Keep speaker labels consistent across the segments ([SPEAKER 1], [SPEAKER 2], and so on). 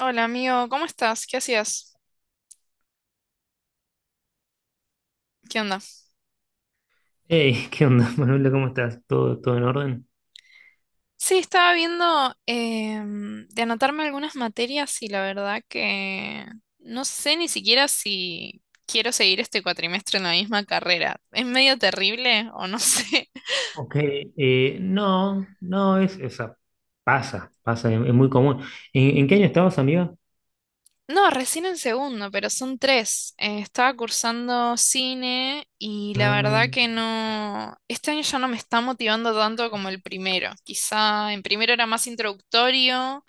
[SPEAKER 1] Hola amigo, ¿cómo estás? ¿Qué hacías? ¿Qué onda?
[SPEAKER 2] Hey, ¿qué onda, Manuela? ¿Cómo estás? ¿Todo en orden?
[SPEAKER 1] Sí, estaba viendo de anotarme algunas materias y la verdad que no sé ni siquiera si quiero seguir este cuatrimestre en la misma carrera. Es medio terrible o no sé.
[SPEAKER 2] Ok, no, es, o sea, pasa, es muy común. ¿En qué año estabas, amiga?
[SPEAKER 1] No, recién en segundo, pero son tres. Estaba cursando cine y la
[SPEAKER 2] Ah,
[SPEAKER 1] verdad que no, este año ya no me está motivando tanto como el primero. Quizá en primero era más introductorio.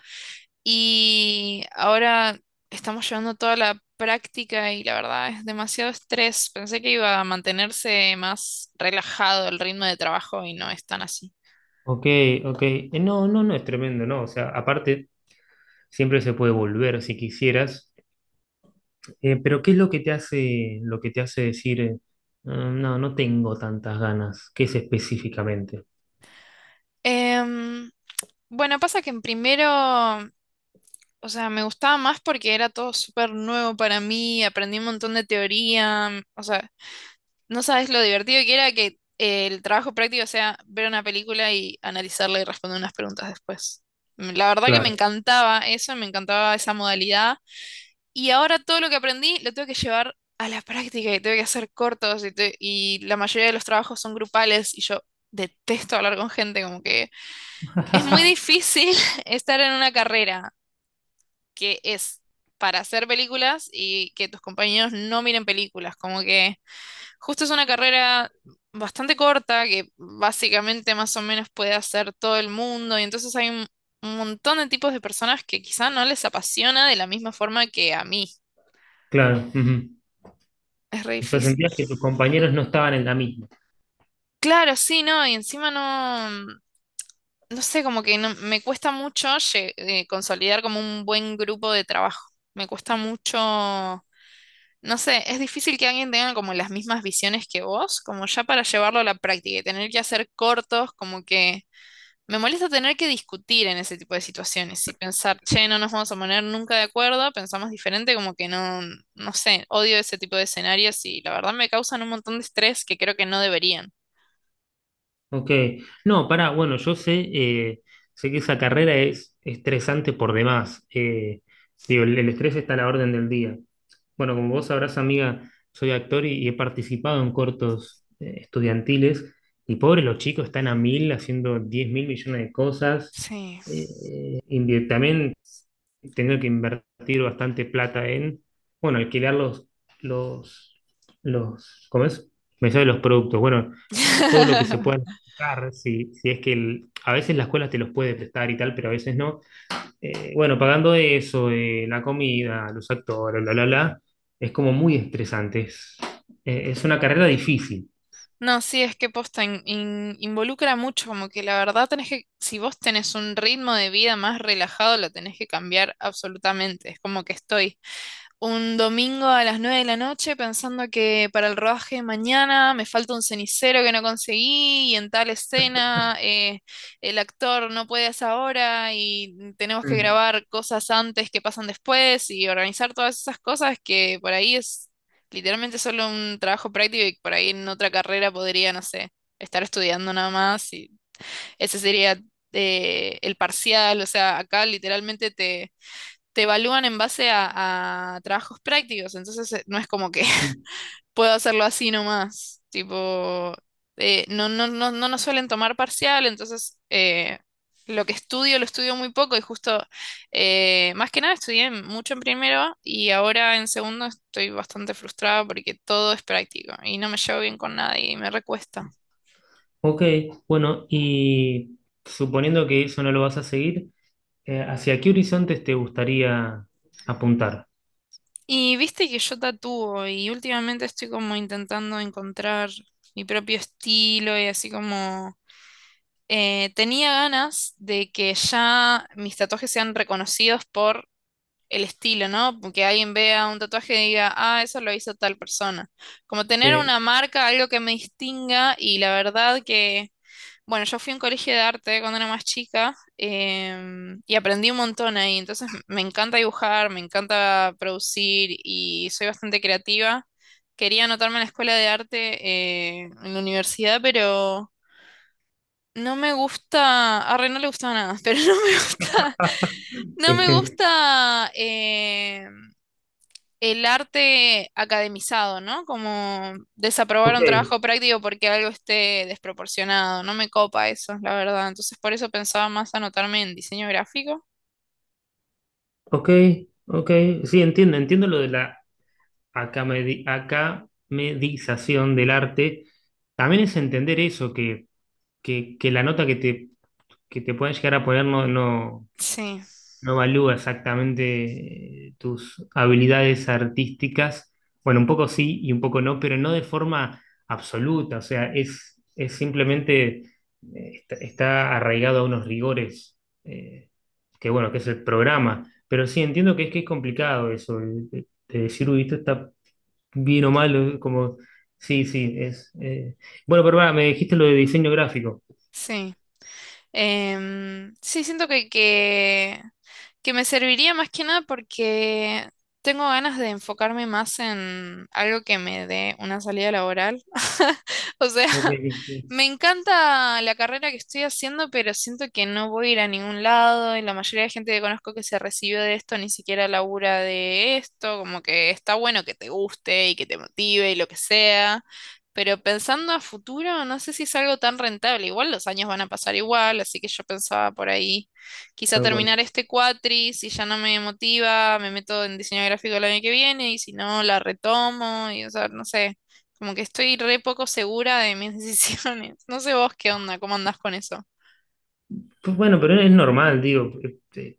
[SPEAKER 1] Y ahora estamos llevando toda la práctica y la verdad es demasiado estrés. Pensé que iba a mantenerse más relajado el ritmo de trabajo y no es tan así.
[SPEAKER 2] ok, ok. No, no es tremendo, ¿no? O sea, aparte, siempre se puede volver si quisieras. Pero ¿qué es lo que te hace, lo que te hace decir, "Ah, no, no tengo tantas ganas"? ¿Qué es específicamente?
[SPEAKER 1] Em, bueno, pasa que en primero, o sea, me gustaba más porque era todo súper nuevo para mí, aprendí un montón de teoría. O sea, no sabes lo divertido que era que el trabajo práctico sea ver una película y analizarla y responder unas preguntas después. La verdad que me,
[SPEAKER 2] Claro,
[SPEAKER 1] claro, encantaba eso, me encantaba esa modalidad. Y ahora todo lo que aprendí lo tengo que llevar a la práctica y tengo que hacer cortos y, y la mayoría de los trabajos son grupales y yo detesto hablar con gente, como que es muy difícil estar en una carrera que es para hacer películas y que tus compañeros no miren películas. Como que justo es una carrera bastante corta que básicamente más o menos puede hacer todo el mundo y entonces hay un montón de tipos de personas que quizá no les apasiona de la misma forma que a mí.
[SPEAKER 2] claro. Ujú.
[SPEAKER 1] Es re
[SPEAKER 2] O sea,
[SPEAKER 1] difícil.
[SPEAKER 2] sentías que tus compañeros no estaban en la misma.
[SPEAKER 1] Claro, sí, no, y encima no, no sé, como que me cuesta mucho consolidar como un buen grupo de trabajo. Me cuesta mucho. No sé, es difícil que alguien tenga como las mismas visiones que vos, como ya para llevarlo a la práctica y tener que hacer cortos, como que me molesta tener que discutir en ese tipo de situaciones y pensar, che, no nos vamos a poner nunca de acuerdo, pensamos diferente, como que no, no sé, odio ese tipo de escenarios y la verdad me causan un montón de estrés que creo que no deberían.
[SPEAKER 2] Ok, no, para, bueno, yo sé, sé que esa carrera es estresante por demás. Digo, el estrés está a la orden del día. Bueno, como vos sabrás, amiga, soy actor y he participado en cortos estudiantiles. Y pobre, los chicos están a mil haciendo 10 mil millones de cosas.
[SPEAKER 1] Sí.
[SPEAKER 2] También tener que invertir bastante plata en, bueno, alquilar los, ¿cómo es? Me sale los productos, bueno, todo lo que se pueda prestar, si, si es que el- a veces la escuela te los puede prestar y tal, pero a veces no. Bueno, pagando eso, la comida, los actores, bla, bla, bla, es como muy estresante, es una carrera difícil.
[SPEAKER 1] No, sí, es que posta involucra mucho, como que la verdad tenés que, si vos tenés un ritmo de vida más relajado, lo tenés que cambiar absolutamente. Es como que estoy un domingo a las 9 de la noche pensando que para el rodaje de mañana me falta un cenicero que no conseguí y en tal escena el actor no puede a esa hora y tenemos que
[SPEAKER 2] Mm,
[SPEAKER 1] grabar cosas antes que pasan después y organizar todas esas cosas que por ahí es literalmente solo un trabajo práctico y por ahí en otra carrera podría, no sé, estar estudiando nada más y ese sería el parcial, o sea, acá literalmente te te evalúan en base a trabajos prácticos, entonces no es como que
[SPEAKER 2] mm.
[SPEAKER 1] puedo hacerlo así nomás, tipo, no, no, no, no nos suelen tomar parcial, entonces lo que estudio lo estudio muy poco y justo, más que nada estudié mucho en primero y ahora en segundo estoy bastante frustrada porque todo es práctico y no me llevo bien con nadie y me recuesta.
[SPEAKER 2] Ok, bueno, y suponiendo que eso no lo vas a seguir, ¿hacia qué horizontes te gustaría apuntar?
[SPEAKER 1] Y viste que yo tatúo y últimamente estoy como intentando encontrar mi propio estilo y así como tenía ganas de que ya mis tatuajes sean reconocidos por el estilo, ¿no? Que alguien vea un tatuaje y diga, ah, eso lo hizo tal persona. Como tener
[SPEAKER 2] Eh,
[SPEAKER 1] una marca, algo que me distinga y la verdad que, bueno, yo fui a un colegio de arte cuando era más chica y aprendí un montón ahí, entonces me encanta dibujar, me encanta producir y soy bastante creativa. Quería anotarme en la escuela de arte en la universidad, pero... No me gusta, a no le gusta nada, pero no me gusta, no me gusta el arte academizado, ¿no? Como desaprobar
[SPEAKER 2] ok,
[SPEAKER 1] un trabajo práctico porque algo esté desproporcionado, no me copa eso, la verdad. Entonces por eso pensaba más anotarme en diseño gráfico.
[SPEAKER 2] ok, ok. Sí, entiendo, entiendo lo de la acamedi- acamedización del arte. También es entender eso, que la nota que te pueden llegar a poner
[SPEAKER 1] Sí,
[SPEAKER 2] no evalúa exactamente tus habilidades artísticas. Bueno, un poco sí y un poco no, pero no de forma absoluta. O sea, es simplemente, está, está arraigado a unos rigores, eh, que bueno, que es el programa. Pero sí entiendo que es complicado eso, de decir, uy, esto está bien o mal, como, sí, sí, es.... Bueno, pero va, me dijiste lo de diseño gráfico.
[SPEAKER 1] sí. Sí, siento que me serviría más que nada porque tengo ganas de enfocarme más en algo que me dé una salida laboral. O sea,
[SPEAKER 2] Ok, sí, sí,
[SPEAKER 1] me encanta la carrera que estoy haciendo, pero siento que no voy a ir a ningún lado y la mayoría de gente que conozco que se recibió de esto ni siquiera labura de esto, como que está bueno que te guste y que te motive y lo que sea. Pero pensando a futuro, no sé si es algo tan rentable. Igual los años van a pasar igual, así que yo pensaba por ahí, quizá
[SPEAKER 2] tal cual.
[SPEAKER 1] terminar este cuatri, si ya no me motiva, me meto en diseño gráfico el año que viene, y si no, la retomo, y o sea, no sé, como que estoy re poco segura de mis decisiones. No sé vos qué onda, cómo andás con eso.
[SPEAKER 2] Pues bueno, pero es normal, digo. eh,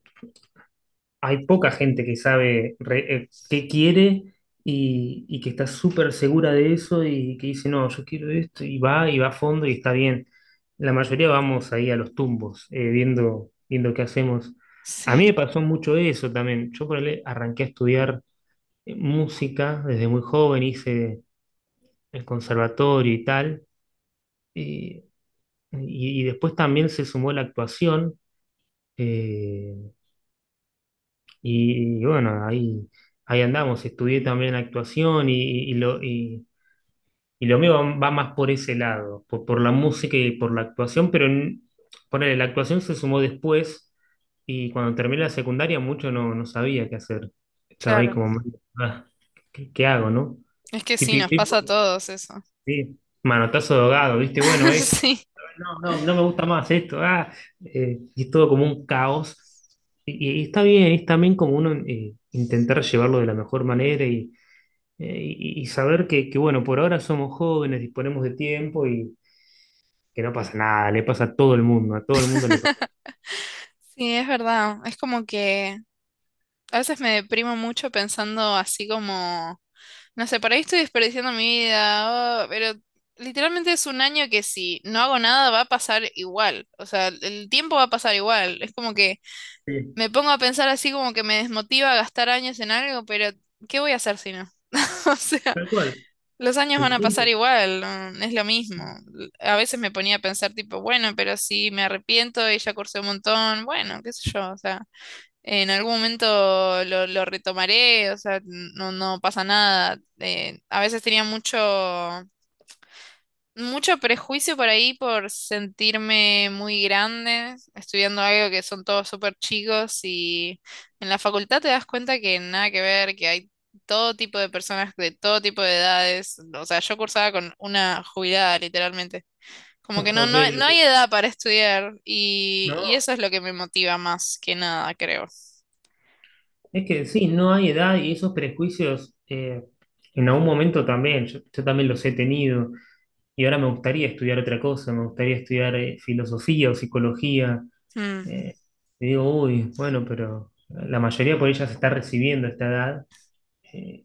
[SPEAKER 2] Hay poca gente que sabe re- qué quiere y que está súper segura de eso y que dice, no, yo quiero esto y va a fondo y está bien. La mayoría vamos ahí a los tumbos, viendo, viendo qué hacemos. A mí me
[SPEAKER 1] Sí,
[SPEAKER 2] pasó mucho eso también. Yo por ahí arranqué a estudiar música desde muy joven, hice el conservatorio y tal, y, y después también se sumó la actuación. eh, y bueno, ahí, ahí andamos. Estudié también actuación y lo mío va, va más por ese lado, por la música y por la actuación, pero en- ponele, la actuación se sumó después y cuando terminé la secundaria mucho no, no sabía qué hacer. Estaba ahí
[SPEAKER 1] claro.
[SPEAKER 2] como, ah, ¿qué, qué hago, no?
[SPEAKER 1] Es que sí,
[SPEAKER 2] Típico,
[SPEAKER 1] nos, sí, pasa a
[SPEAKER 2] típico,
[SPEAKER 1] todos eso.
[SPEAKER 2] sí, manotazo de ahogado, ¿viste? Bueno, no,
[SPEAKER 1] Sí,
[SPEAKER 2] no, no me gusta más esto, ah, y es todo como un caos. Y está bien, es también como uno intentar llevarlo de la mejor manera y, y saber que, bueno, por ahora somos jóvenes, disponemos de tiempo y que no pasa nada, le pasa a todo el mundo, a todo el mundo le pasa.
[SPEAKER 1] sí, es verdad. Es como que a veces me deprimo mucho pensando así como no sé, por ahí estoy desperdiciando mi vida, oh, pero literalmente es un año que si no hago nada va a pasar igual. O sea, el tiempo va a pasar igual. Es como que
[SPEAKER 2] Sí,
[SPEAKER 1] me pongo a pensar así como que me desmotiva a gastar años en algo, pero ¿qué voy a hacer si no? O sea,
[SPEAKER 2] tal cual,
[SPEAKER 1] los años van
[SPEAKER 2] el
[SPEAKER 1] a pasar
[SPEAKER 2] tiempo.
[SPEAKER 1] igual, no, es lo mismo. L- A veces me ponía a pensar tipo, bueno, pero si me arrepiento y ya cursé un montón, bueno, qué sé yo, o sea. En algún momento lo retomaré, o sea, no, no pasa nada. A veces tenía mucho, mucho prejuicio por ahí por sentirme muy grande, estudiando algo que son todos súper chicos y en la facultad te das cuenta que nada que ver, que hay todo tipo de personas de todo tipo de edades. O sea, yo cursaba con una jubilada, literalmente. Como que no,
[SPEAKER 2] Ok,
[SPEAKER 1] no, no hay
[SPEAKER 2] ok.
[SPEAKER 1] edad para estudiar
[SPEAKER 2] No,
[SPEAKER 1] y eso es lo que me motiva más que nada, creo.
[SPEAKER 2] es que sí, no hay edad y esos prejuicios en algún momento también, yo también los he tenido. Y ahora me gustaría estudiar otra cosa, me gustaría estudiar filosofía o psicología.
[SPEAKER 1] Mm.
[SPEAKER 2] eh, y digo, uy, bueno, pero la mayoría por ella se está recibiendo a esta edad. eh,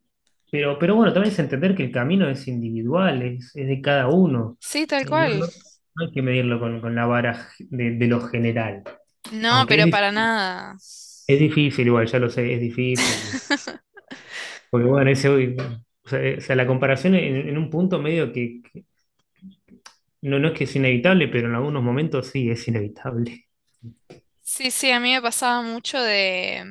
[SPEAKER 2] pero bueno, también es entender que el camino es individual, es de cada uno.
[SPEAKER 1] Sí, tal
[SPEAKER 2] No,
[SPEAKER 1] cual.
[SPEAKER 2] no hay que medirlo con la vara de lo general.
[SPEAKER 1] No,
[SPEAKER 2] Aunque
[SPEAKER 1] pero
[SPEAKER 2] es,
[SPEAKER 1] para nada.
[SPEAKER 2] es difícil, igual, ya lo sé, es difícil. Porque bueno, ese, uy, o sea, la comparación en un punto medio que no, no es que es inevitable, pero en algunos momentos sí es inevitable.
[SPEAKER 1] Sí, sí, a mí me pasaba mucho de,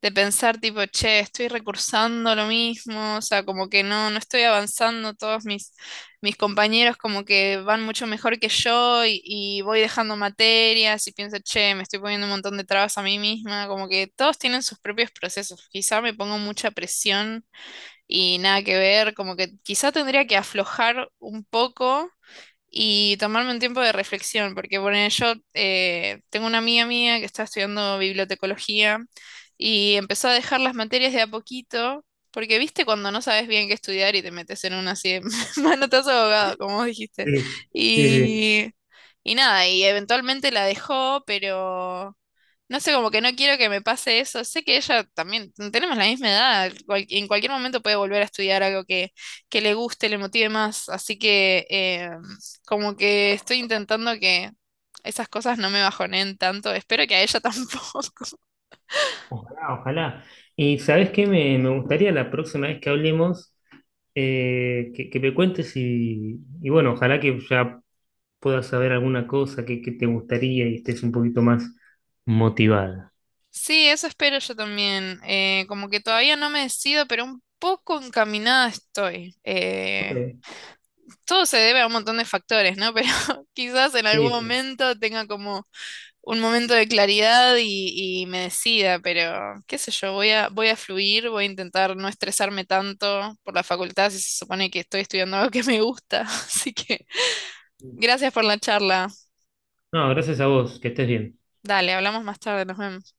[SPEAKER 1] de pensar tipo, che, estoy recursando lo mismo, o sea, como que no, no estoy avanzando, todos mis, compañeros como que van mucho mejor que yo y voy dejando materias y pienso, che, me estoy poniendo un montón de trabas a mí misma, como que todos tienen sus propios procesos, quizá me pongo mucha presión y nada que ver, como que quizá tendría que aflojar un poco y tomarme un tiempo de reflexión, porque bueno, yo tengo una amiga mía que está estudiando bibliotecología y empezó a dejar las materias de a poquito, porque viste cuando no sabes bien qué estudiar y te metes en una así de manotazo de abogado, como vos dijiste.
[SPEAKER 2] Sí, sí, sí.
[SPEAKER 1] Y, y nada, y eventualmente la dejó, pero no sé, como que no quiero que me pase eso. Sé que ella también, tenemos la misma edad, en cualquier momento puede volver a estudiar algo que, le guste, le motive más. Así que como que estoy intentando que esas cosas no me bajoneen tanto. Espero que a ella tampoco.
[SPEAKER 2] Ojalá, ojalá. Y sabes qué, me gustaría la próxima vez que hablemos, que me cuentes y bueno, ojalá que ya puedas saber alguna cosa que te gustaría y estés un poquito más motivada.
[SPEAKER 1] Sí, eso espero yo también. Como que todavía no me decido, pero un poco encaminada estoy.
[SPEAKER 2] Ok,
[SPEAKER 1] Todo se debe a un montón de factores, ¿no? Pero quizás en algún
[SPEAKER 2] sí,
[SPEAKER 1] momento tenga como un momento de claridad y, me decida, pero qué sé yo, voy a fluir, voy a intentar no estresarme tanto por la facultad si se supone que estoy estudiando algo que me gusta. Así que
[SPEAKER 2] sí.
[SPEAKER 1] gracias por la charla.
[SPEAKER 2] No, gracias a vos, que estés bien.
[SPEAKER 1] Dale, hablamos más tarde, nos vemos.